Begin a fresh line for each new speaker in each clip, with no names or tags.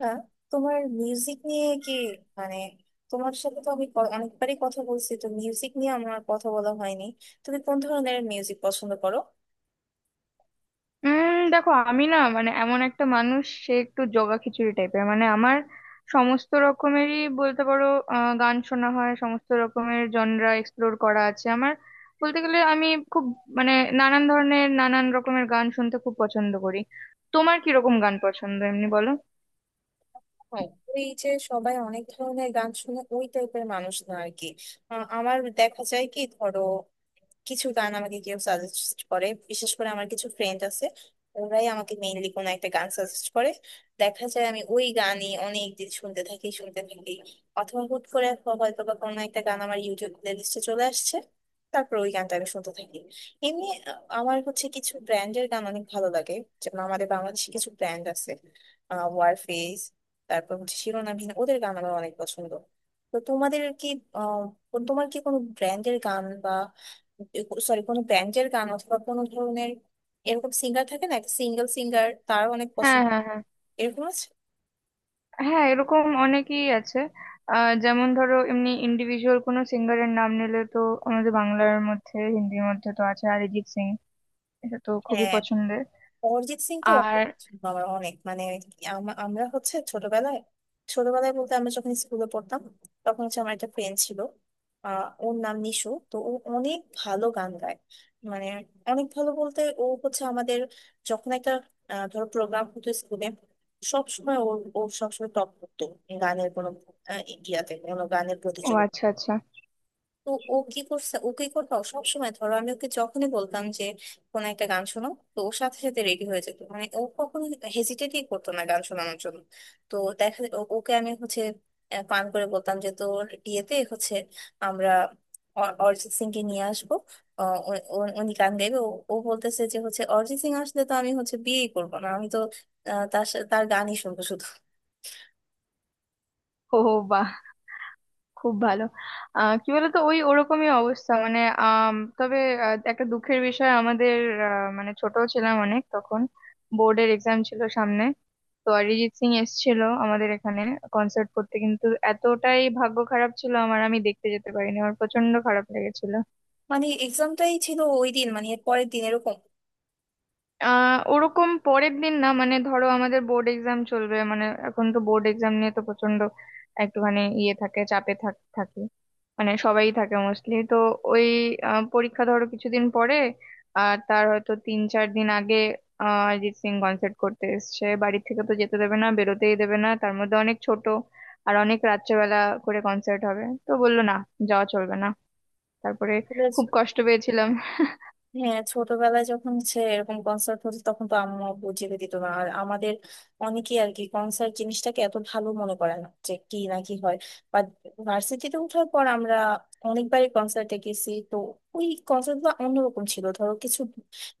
না, তোমার মিউজিক নিয়ে কি, মানে তোমার সাথে তো আমি অনেকবারই কথা বলছি, তো মিউজিক নিয়ে আমার আর কথা বলা হয়নি। তুমি কোন ধরনের মিউজিক পছন্দ করো?
দেখো আমি না মানে এমন একটা মানুষ সে একটু জগা খিচুড়ি টাইপের, মানে আমার সমস্ত রকমেরই বলতে পারো। গান শোনা হয়, সমস্ত রকমের জনরা এক্সপ্লোর করা আছে আমার। বলতে গেলে আমি খুব মানে নানান ধরনের নানান রকমের গান শুনতে খুব পছন্দ করি। তোমার কি রকম গান পছন্দ এমনি বলো।
হ্যাঁ, এই যে সবাই অনেক ধরনের গান শুনে ওই টাইপের মানুষ না আর কি। আমার দেখা যায় কি, ধরো কিছু গান আমাকে কেউ সাজেস্ট করে, বিশেষ করে আমার কিছু ফ্রেন্ড আছে, ওরাই আমাকে মেইনলি কোনো একটা গান সাজেস্ট করে। দেখা যায় আমি ওই গানই অনেক দিন শুনতে থাকি শুনতে থাকি। অথবা হুট করে হয়তো বা কোনো একটা গান আমার ইউটিউব প্লেলিস্টে চলে আসছে, তারপর ওই গানটা আমি শুনতে থাকি। এমনি আমার হচ্ছে কিছু ব্র্যান্ডের গান অনেক ভালো লাগে। যেমন আমাদের বাংলাদেশে কিছু ব্র্যান্ড আছে, ওয়ারফেস, তারপর হচ্ছে শিরোনামহীন, ওদের গান আমার অনেক পছন্দ। তো তোমাদের কি, আহ তোমার কি কোনো ব্র্যান্ডের গান বা, সরি, কোনো ব্যান্ডের গান অথবা কোনো ধরনের এরকম সিঙ্গার থাকে না, একটা সিঙ্গেল সিঙ্গার তার অনেক
হ্যাঁ
পছন্দ,
হ্যাঁ হ্যাঁ
এরকম আছে?
হ্যাঁ এরকম অনেকেই আছে। যেমন ধরো এমনি ইন্ডিভিজুয়াল কোনো সিঙ্গারের নাম নিলে তো আমাদের বাংলার মধ্যে হিন্দির মধ্যে তো আছে অরিজিৎ সিং, এটা তো খুবই
হ্যাঁ,
পছন্দের।
অরিজিৎ সিং তো
আর
আমার অনেক, মানে আমরা হচ্ছে ছোটবেলায়, ছোটবেলায় বলতে আমরা যখন স্কুলে পড়তাম, তখন হচ্ছে আমার একটা ফ্রেন্ড ছিল, ওর নাম নিশু, তো ও অনেক ভালো গান গায়। মানে অনেক ভালো বলতে ও হচ্ছে আমাদের, যখন একটা ধরো প্রোগ্রাম হতো স্কুলে, সবসময় ওর, ও সবসময় টপ করতো গানের কোনো আহ, ইয়াতে, কোনো গানের
ও
প্রতিযোগিতা।
আচ্ছা আচ্ছা।
তো ও কি করছে, ও কি করতো, সব সময় ধরো আমি ওকে যখনই বলতাম যে কোন একটা গান শোনো, তো ওর সাথে সাথে রেডি হয়ে যেত, মানে ও কখনো হেজিটেটই করতো না গান শোনানোর জন্য। তো দেখা যেত ওকে আমি হচ্ছে পান করে বলতাম যে তোর বিয়েতে হচ্ছে আমরা অরিজিৎ সিং কে নিয়ে আসবো, উনি গান গাইবে। ও ও বলতেছে যে হচ্ছে অরিজিৎ সিং আসলে তো আমি হচ্ছে বিয়েই করবো না, আমি তো তার গানই শুনবো শুধু।
ও বাহ, খুব ভালো। কি বলতো, ওই ওরকমই অবস্থা মানে তবে একটা দুঃখের বিষয় আমাদের, মানে ছোট ছিলাম অনেক তখন। বোর্ডের এক্সাম ছিল সামনে, তো অরিজিৎ সিং এসেছিল আমাদের এখানে কনসার্ট করতে, কিন্তু এতটাই ভাগ্য খারাপ ছিল আমার, আমি দেখতে যেতে পারিনি, আমার প্রচন্ড খারাপ লেগেছিল।
মানে এক্সামটাই ছিল ওই দিন, মানে এর পরের দিন এরকম।
ওরকম পরের দিন না, মানে ধরো আমাদের বোর্ড এক্সাম চলবে, মানে এখন তো বোর্ড এক্সাম নিয়ে তো প্রচন্ড একটুখানি ইয়ে থাকে, চাপে থাকে মানে সবাই থাকে মোস্টলি তো। ওই পরীক্ষা ধরো কিছুদিন পরে, আর তার হয়তো তিন চার দিন আগে অরিজিৎ সিং কনসার্ট করতে এসছে, বাড়ি থেকে তো যেতে দেবে না, বেরোতেই দেবে না, তার মধ্যে অনেক ছোট, আর অনেক রাত্রেবেলা করে কনসার্ট হবে, তো বললো না, যাওয়া চলবে না। তারপরে
Yes.
খুব কষ্ট পেয়েছিলাম।
হ্যাঁ, ছোটবেলায় যখন সে এরকম কনসার্ট হতো তখন তো আম্মু বুঝিয়ে দিত না, আর আমাদের অনেকেই আর কি কনসার্ট জিনিসটাকে এত ভালো মনে করে না, যে কি না কি হয়, বা ভার্সিটিতে ওঠার পর আমরা অনেকবারই কনসার্টে গেছি তো। ওই কনসার্ট গুলো অন্যরকম ছিল, ধরো কিছু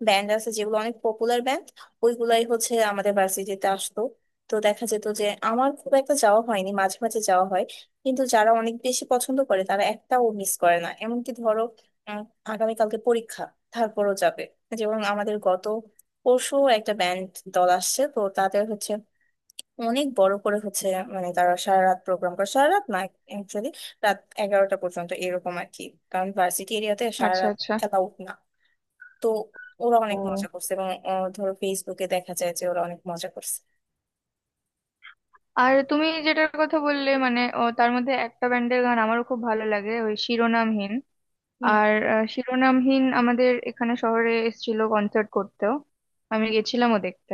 ব্যান্ড আছে যেগুলো অনেক পপুলার ব্যান্ড, ওইগুলাই হচ্ছে আমাদের ভার্সিটিতে আসতো। তো দেখা যেত যে আমার খুব একটা যাওয়া হয়নি, মাঝে মাঝে যাওয়া হয়, কিন্তু যারা অনেক বেশি পছন্দ করে তারা একটাও মিস করে না, এমনকি ধরো আহ, আগামীকালকে পরীক্ষা তারপরও যাবে। যেমন আমাদের গত পরশু একটা ব্যান্ড দল আসছে, তো তাদের হচ্ছে অনেক বড় করে হচ্ছে, মানে তারা সারা রাত প্রোগ্রাম করে, সারা রাত না, অ্যাকচুয়ালি রাত 11টা পর্যন্ত এরকম আর কি, কারণ ভার্সিটি এরিয়াতে সারা
আচ্ছা
রাত
আচ্ছা।
অ্যালাউড না। তো ওরা অনেক মজা
ও,
করছে এবং ধরো ফেসবুকে দেখা যায় যে ওরা অনেক মজা করছে।
আর তুমি যেটার কথা বললে মানে ও, তার মধ্যে একটা ব্যান্ডের গান আমারও খুব ভালো লাগে, ওই শিরোনামহীন।
হুম।
আর শিরোনামহীন আমাদের এখানে শহরে এসেছিল কনসার্ট করতেও, আমি গেছিলামও দেখতে।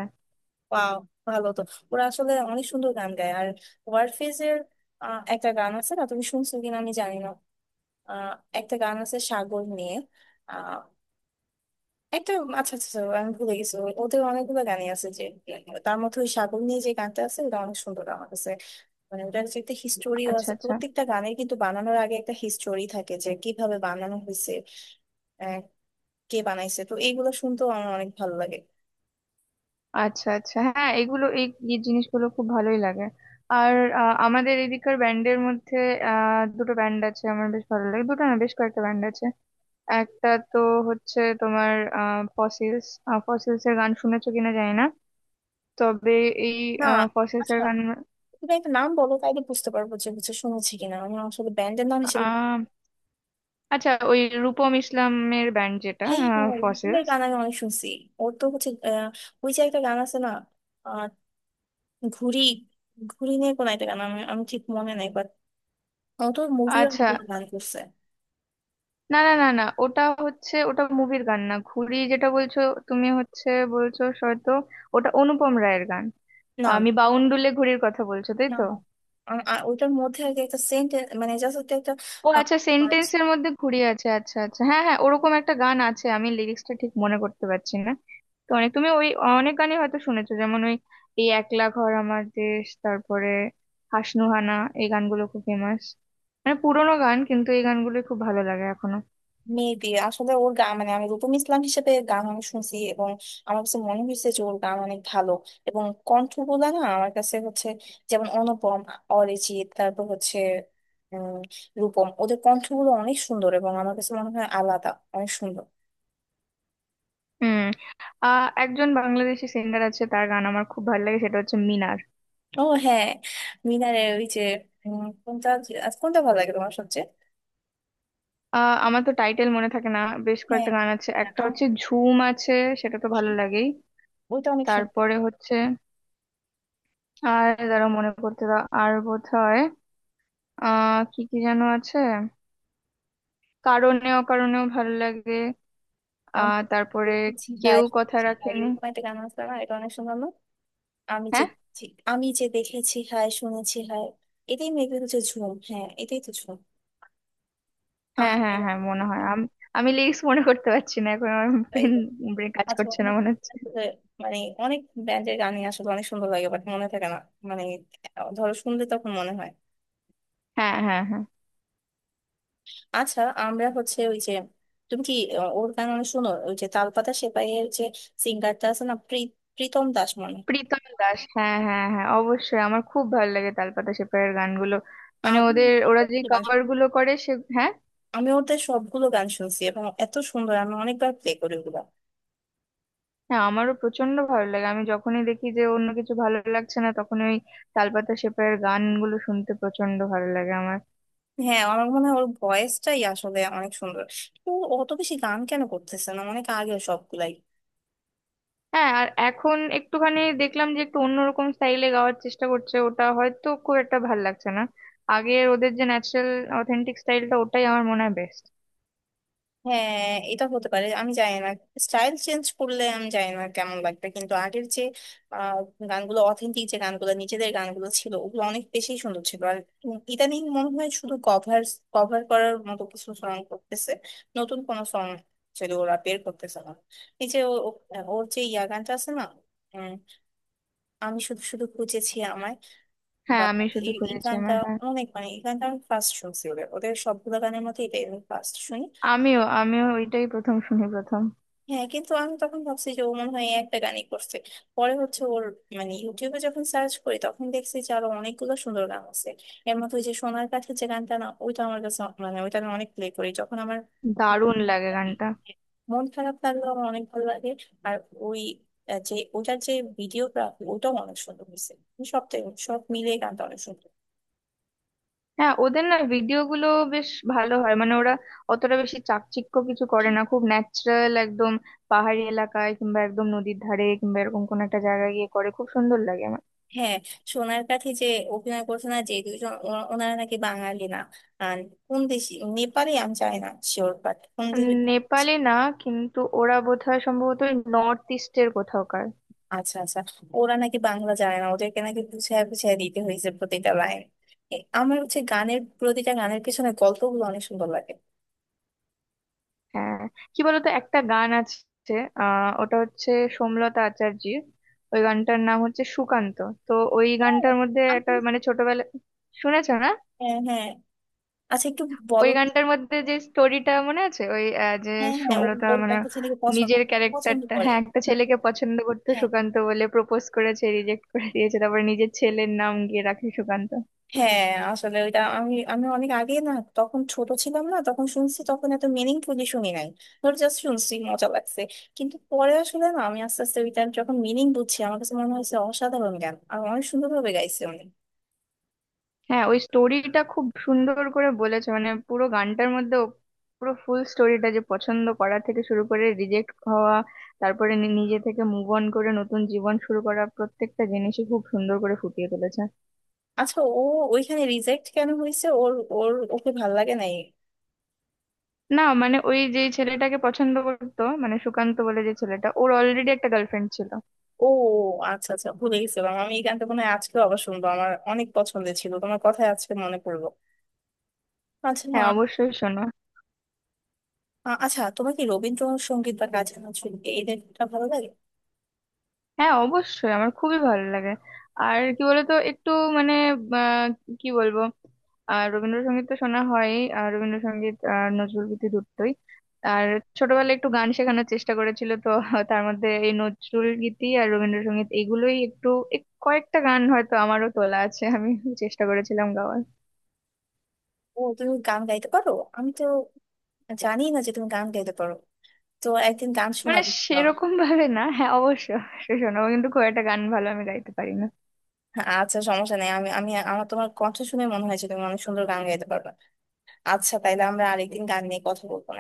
ওয়াও, ভালো তো। ওরা আসলে অনেক সুন্দর গান গায়। আর ওয়ারফেজের একটা গান আছে না, তুমি শুনছো কিনা আমি জানি না, আহ, একটা গান আছে সাগর নিয়ে, একটা। আচ্ছা আচ্ছা আচ্ছা, আমি ভুলে গেছি, ওদের অনেকগুলো গানই আছে যে, মানে তার মধ্যে ওই সাগর নিয়ে যে গানটা আছে ওটা অনেক সুন্দর আমার কাছে। মানে ওটার যে একটা হিস্টোরিও
আচ্ছা
আছে,
আচ্ছা
প্রত্যেকটা গানের কিন্তু বানানোর আগে একটা হিস্টোরি থাকে যে কিভাবে বানানো হয়েছে, আহ, কে বানাইছে, তো এইগুলো শুনতেও আমার অনেক ভালো লাগে।
আচ্ছা। আচ্ছা হ্যাঁ, এগুলো এই এই জিনিসগুলো খুব ভালোই লাগে। আর আমাদের এদিকার ব্যান্ডের মধ্যে দুটো ব্যান্ড আছে আমার বেশ ভালো লাগে, দুটো না বেশ কয়েকটা ব্যান্ড আছে। একটা তো হচ্ছে তোমার ফসিলস। ফসিলস এর গান শুনেছো কিনা জানি না, তবে এই
না
ফসিলস এর
আচ্ছা,
গান
তুমি একটা নাম বলো তাইলে বুঝতে পারবো যে হচ্ছে শুনেছি কিনা, আমি আসলে ব্যান্ডের নাম হিসেবে।
আহ আচ্ছা ওই রূপম ইসলামের ব্যান্ড যেটা
হ্যাঁ হ্যাঁ, ওদের
ফসেলস।
গান আমি অনেক শুনছি। ওর তো হচ্ছে ওই যে একটা গান আছে না, আহ, ঘুড়ি, ঘুড়ি নিয়ে কোন একটা গান, আমি আমি ঠিক মনে নাই। ও তো মুভি অনেক
আচ্ছা,
গান করছে।
না না না না, ওটা হচ্ছে, ওটা মুভির গান না। ঘুড়ি যেটা বলছো তুমি হচ্ছে, বলছো হয়তো, ওটা অনুপম রায়ের গান।
না
আমি বাউন্ডুলে ঘুড়ির কথা বলছো তাই
না
তো?
না, ওইটার মধ্যে আর কি একটা সেন্ট, মানে জাস্ট একটা।
ও আচ্ছা, সেন্টেন্সের মধ্যে ঘুরিয়ে আছে। আচ্ছা আচ্ছা, হ্যাঁ হ্যাঁ ওরকম একটা গান আছে, আমি লিরিক্সটা ঠিক মনে করতে পারছি না। তো অনেক তুমি ওই অনেক গানই হয়তো শুনেছো, যেমন ওই এই একলা ঘর, আমার দেশ, তারপরে হাসনুহানা, এই গানগুলো খুব ফেমাস, মানে পুরোনো গান কিন্তু এই গানগুলো খুব ভালো লাগে এখনো।
মেবি আসলে ওর গান, মানে আমি রূপম ইসলাম হিসেবে গান আমি শুনছি এবং আমার কাছে মনে হয়েছে যে ওর গান অনেক ভালো, এবং কণ্ঠগুলা না আমার কাছে হচ্ছে, যেমন অনুপম, অরিজিৎ, তারপর হচ্ছে উম রূপম, ওদের কণ্ঠগুলো অনেক সুন্দর এবং আমার কাছে মনে হয় আলাদা, অনেক সুন্দর।
হুম, একজন বাংলাদেশি সিঙ্গার আছে তার গান আমার খুব ভালো লাগে, সেটা হচ্ছে মিনার।
ও হ্যাঁ, মিনারের ওই যে, কোনটা, কোনটা ভালো লাগে তোমার সবচেয়ে?
আমার তো টাইটেল মনে থাকে না, বেশ কয়েকটা গান আছে,
হ্যাঁ,
একটা হচ্ছে ঝুম আছে, সেটা তো ভালো লাগেই।
ওইটা অনেক সুন্দর।
তারপরে হচ্ছে, আর দাঁড়া মনে করতে দাও, আর বোধহয় কি কি যেন আছে, কারণে অকারণেও ভালো লাগে।
আমি
তারপরে
দেখেছি
কেউ
হায়,
কথা
সেই হায়,
রাখেনি।
এরকম একটা গান আছে না, এটা অনেক সুন্দর না? আমি যে,
হ্যাঁ
আমি যে দেখেছি হায়, শুনেছি হায়, এটাই মেবি হচ্ছে ঝুম। হ্যাঁ এটাই তো ঝুম। আহ
হ্যাঁ
রে,
হ্যাঁ হ্যাঁ মনে হয়।
আহ,
আমি, আমি লিরিক্স মনে করতে পারছি না এখন, আমার
তাই তো।
ব্রেন কাজ
আচ্ছা
করছে না
অনেক,
মনে হচ্ছে।
মানে অনেক ব্যান্ডের গানই আসলে অনেক সুন্দর লাগে বাট মনে থাকে না, মানে ধরো শুনলে তখন মনে হয়।
হ্যাঁ হ্যাঁ হ্যাঁ
আচ্ছা আমরা হচ্ছে ওই যে, তুমি কি ওর গান অনেক শোনো, ওই যে তালপাতা সেপাইয়ের যে সিঙ্গারটা আছে না, প্রীতম দাস মনে হয়।
প্রীতম দাস, হ্যাঁ হ্যাঁ হ্যাঁ অবশ্যই আমার খুব ভালো লাগে তালপাতা সেপাইয়ের গানগুলো, মানে ওদের, ওরা যে
আমি
কভার গুলো করে সে, হ্যাঁ।
আমি ওদের সবগুলো গান শুনছি এবং এত সুন্দর, আমি অনেকবার প্লে করি ওগুলা।
হ্যাঁ আমারও প্রচন্ড ভালো লাগে, আমি যখনই দেখি যে অন্য কিছু ভালো লাগছে না তখন ওই তালপাতা সেপাইয়ের গানগুলো শুনতে প্রচন্ড ভালো লাগে আমার।
হ্যাঁ, আমার মনে হয় ওর ভয়েসটাই আসলে অনেক সুন্দর। তো অত বেশি গান কেন করতেছে না, অনেক আগে সবগুলাই।
হ্যাঁ আর এখন একটুখানি দেখলাম যে একটু অন্যরকম স্টাইলে গাওয়ার চেষ্টা করছে, ওটা হয়তো খুব একটা ভালো লাগছে না। আগের ওদের যে ন্যাচারাল অথেন্টিক স্টাইলটা, ওটাই আমার মনে হয় বেস্ট।
হ্যাঁ, এটা হতে পারে আমি জানি না, স্টাইল চেঞ্জ করলে আমি জানি না কেমন লাগবে, কিন্তু আগের যে আহ, গানগুলো অথেন্টিক, যে গানগুলো নিজেদের গানগুলো ছিল ওগুলো অনেক বেশি সুন্দর ছিল। আর ইদানিং মনে হয় শুধু কভার, কভার করার মতো কিছু সং করতেছে, নতুন কোনো সং ছিল ওরা বের করতেছে না। এই যে ওর যে ইয়া গানটা আছে না, উম, আমি শুধু শুধু খুঁজেছি আমায়, বা
হ্যাঁ আমি শুধু
এই এই
খুঁজেছি
গানটা
আমার, হ্যাঁ।
অনেক, মানে এই গানটা আমি ফার্স্ট শুনছি, ওদের ওদের সবগুলো গানের মধ্যে এটাই আমি ফার্স্ট শুনি।
আমিও আমিও ওইটাই প্রথম শুনি, প্রথম।
হ্যাঁ কিন্তু আমি তখন ভাবছি যে ও মনে হয় এই একটা গানই করছে, পরে হচ্ছে ওর, মানে ইউটিউবে যখন সার্চ করি তখন দেখছি যে আরো অনেকগুলো সুন্দর গান আছে। এর মধ্যে ওই যে সোনার কাছে যে গানটা না, ওইটা আমার কাছে মানে ওইটা আমি অনেক প্লে করি যখন আমার
দারুণ লাগে গানটা।
মন খারাপ লাগলো, আমার অনেক ভালো লাগে। আর ওই যে ওটার যে ভিডিওগ্রাফি ওটাও অনেক সুন্দর হয়েছে, সবটাই, সব মিলিয়ে গানটা অনেক সুন্দর।
হ্যাঁ ওদের না ভিডিও গুলো বেশ ভালো হয়, মানে ওরা অতটা বেশি চাকচিক্য কিছু করে না, খুব ন্যাচারাল একদম, পাহাড়ি এলাকায় কিংবা একদম নদীর ধারে কিংবা এরকম কোন একটা জায়গায় গিয়ে করে, খুব সুন্দর লাগে আমার।
হ্যাঁ, সোনার কাঠে যে অভিনয় করছে না যে দুজন, ওনারা নাকি বাঙালি না, আর কোন দেশি, নেপালি আমি জানি না শিওর, বাট কোন দেশে।
নেপালে না, কিন্তু ওরা বোধহয় সম্ভবত নর্থ ইস্টের কোথাওকার।
আচ্ছা আচ্ছা, ওরা নাকি বাংলা জানে না, ওদেরকে নাকি বুঝায় বুঝায় দিতে হয়েছে প্রতিটা লাইন। আমার হচ্ছে গানের প্রতিটা গানের পিছনে গল্পগুলো অনেক সুন্দর লাগে।
হ্যাঁ, কি বলতো একটা গান আছে, ওটা হচ্ছে সোমলতা আচার্যির, ওই গানটার নাম হচ্ছে সুকান্ত। তো ওই
হ্যাঁ,
গানটার মধ্যে একটা
আমি-
মানে ছোটবেলা শুনেছো না?
হ্যাঁ হ্যাঁ, আচ্ছা একটু বলো।
ওই গানটার মধ্যে যে স্টোরিটা মনে আছে ওই যে
হ্যাঁ হ্যাঁ, ওর
সুমলতা
ওর
মানে
একটা ছেলেকে পছন্দ,
নিজের
পছন্দ
ক্যারেক্টারটা
করে,
হ্যাঁ, একটা
হ্যাঁ
ছেলেকে পছন্দ করতো,
হ্যাঁ।
সুকান্ত বলে, প্রপোজ করেছে, রিজেক্ট করে দিয়েছে, তারপরে নিজের ছেলের নাম গিয়ে রাখে সুকান্ত।
হ্যাঁ আসলে ওইটা আমি আমি অনেক আগে না তখন ছোট ছিলাম না, তখন শুনছি, তখন এত মিনিংফুলি শুনি নাই, ধর জাস্ট শুনছি মজা লাগছে। কিন্তু পরে আসলে না আমি আস্তে আস্তে ওইটার যখন মিনিং বুঝছি আমার কাছে মনে হয়েছে অসাধারণ গান আর অনেক সুন্দর ভাবে গাইছে উনি।
হ্যাঁ ওই স্টোরিটা খুব সুন্দর করে বলেছে মানে পুরো গানটার মধ্যে ও পুরো ফুল স্টোরিটা, যে পছন্দ করা থেকে শুরু করে রিজেক্ট হওয়া, তারপরে নিজে থেকে মুভ অন করে নতুন জীবন শুরু করা, প্রত্যেকটা জিনিসই খুব সুন্দর করে ফুটিয়ে তুলেছে।
আচ্ছা, ও ওইখানে রিজেক্ট কেন হয়েছে, ওর ওর ওকে ভাল লাগে নাই?
না মানে ওই যেই ছেলেটাকে পছন্দ করতো, মানে সুকান্ত বলে যে ছেলেটা, ওর অলরেডি একটা গার্লফ্রেন্ড ছিল।
ও আচ্ছা আচ্ছা, ভুলে গেছিলাম আমি এই গানটা, মনে হয় আজকে আবার শুনবো, আমার অনেক পছন্দের ছিল, তোমার কথায় আজকে মনে পড়লো। আচ্ছা,
হ্যাঁ অবশ্যই শোনো।
আচ্ছা তোমার কি রবীন্দ্রসঙ্গীত বা কাজী নজরুল এদের ভালো লাগে?
হ্যাঁ অবশ্যই আমার খুবই ভালো লাগে। আর কি বলতো একটু মানে আহ, কি বলবো, আর রবীন্দ্রসঙ্গীত তো শোনা হয়, আর রবীন্দ্রসঙ্গীত আর নজরুল গীতি দুটোই। আর ছোটবেলায় একটু গান শেখানোর চেষ্টা করেছিল তো, তার মধ্যে এই নজরুল গীতি আর রবীন্দ্রসঙ্গীত এগুলোই একটু কয়েকটা গান হয়তো আমারও তোলা আছে, আমি চেষ্টা করেছিলাম গাওয়ার।
ও তুমি গান গাইতে পারো, আমি তো জানি না যে তুমি গান গাইতে পারো, তো একদিন গান
মানে
শোনাবে তো।
সেরকম ভাবে না, হ্যাঁ অবশ্য শোনাবো, কিন্তু খুব একটা গান ভালো আমি গাইতে পারি না।
আচ্ছা সমস্যা নেই, আমি আমি আমার তোমার কণ্ঠ শুনে মনে হয় যে তুমি অনেক সুন্দর গান গাইতে পারবে। আচ্ছা তাইলে আমরা আরেকদিন গান নিয়ে কথা বলবো।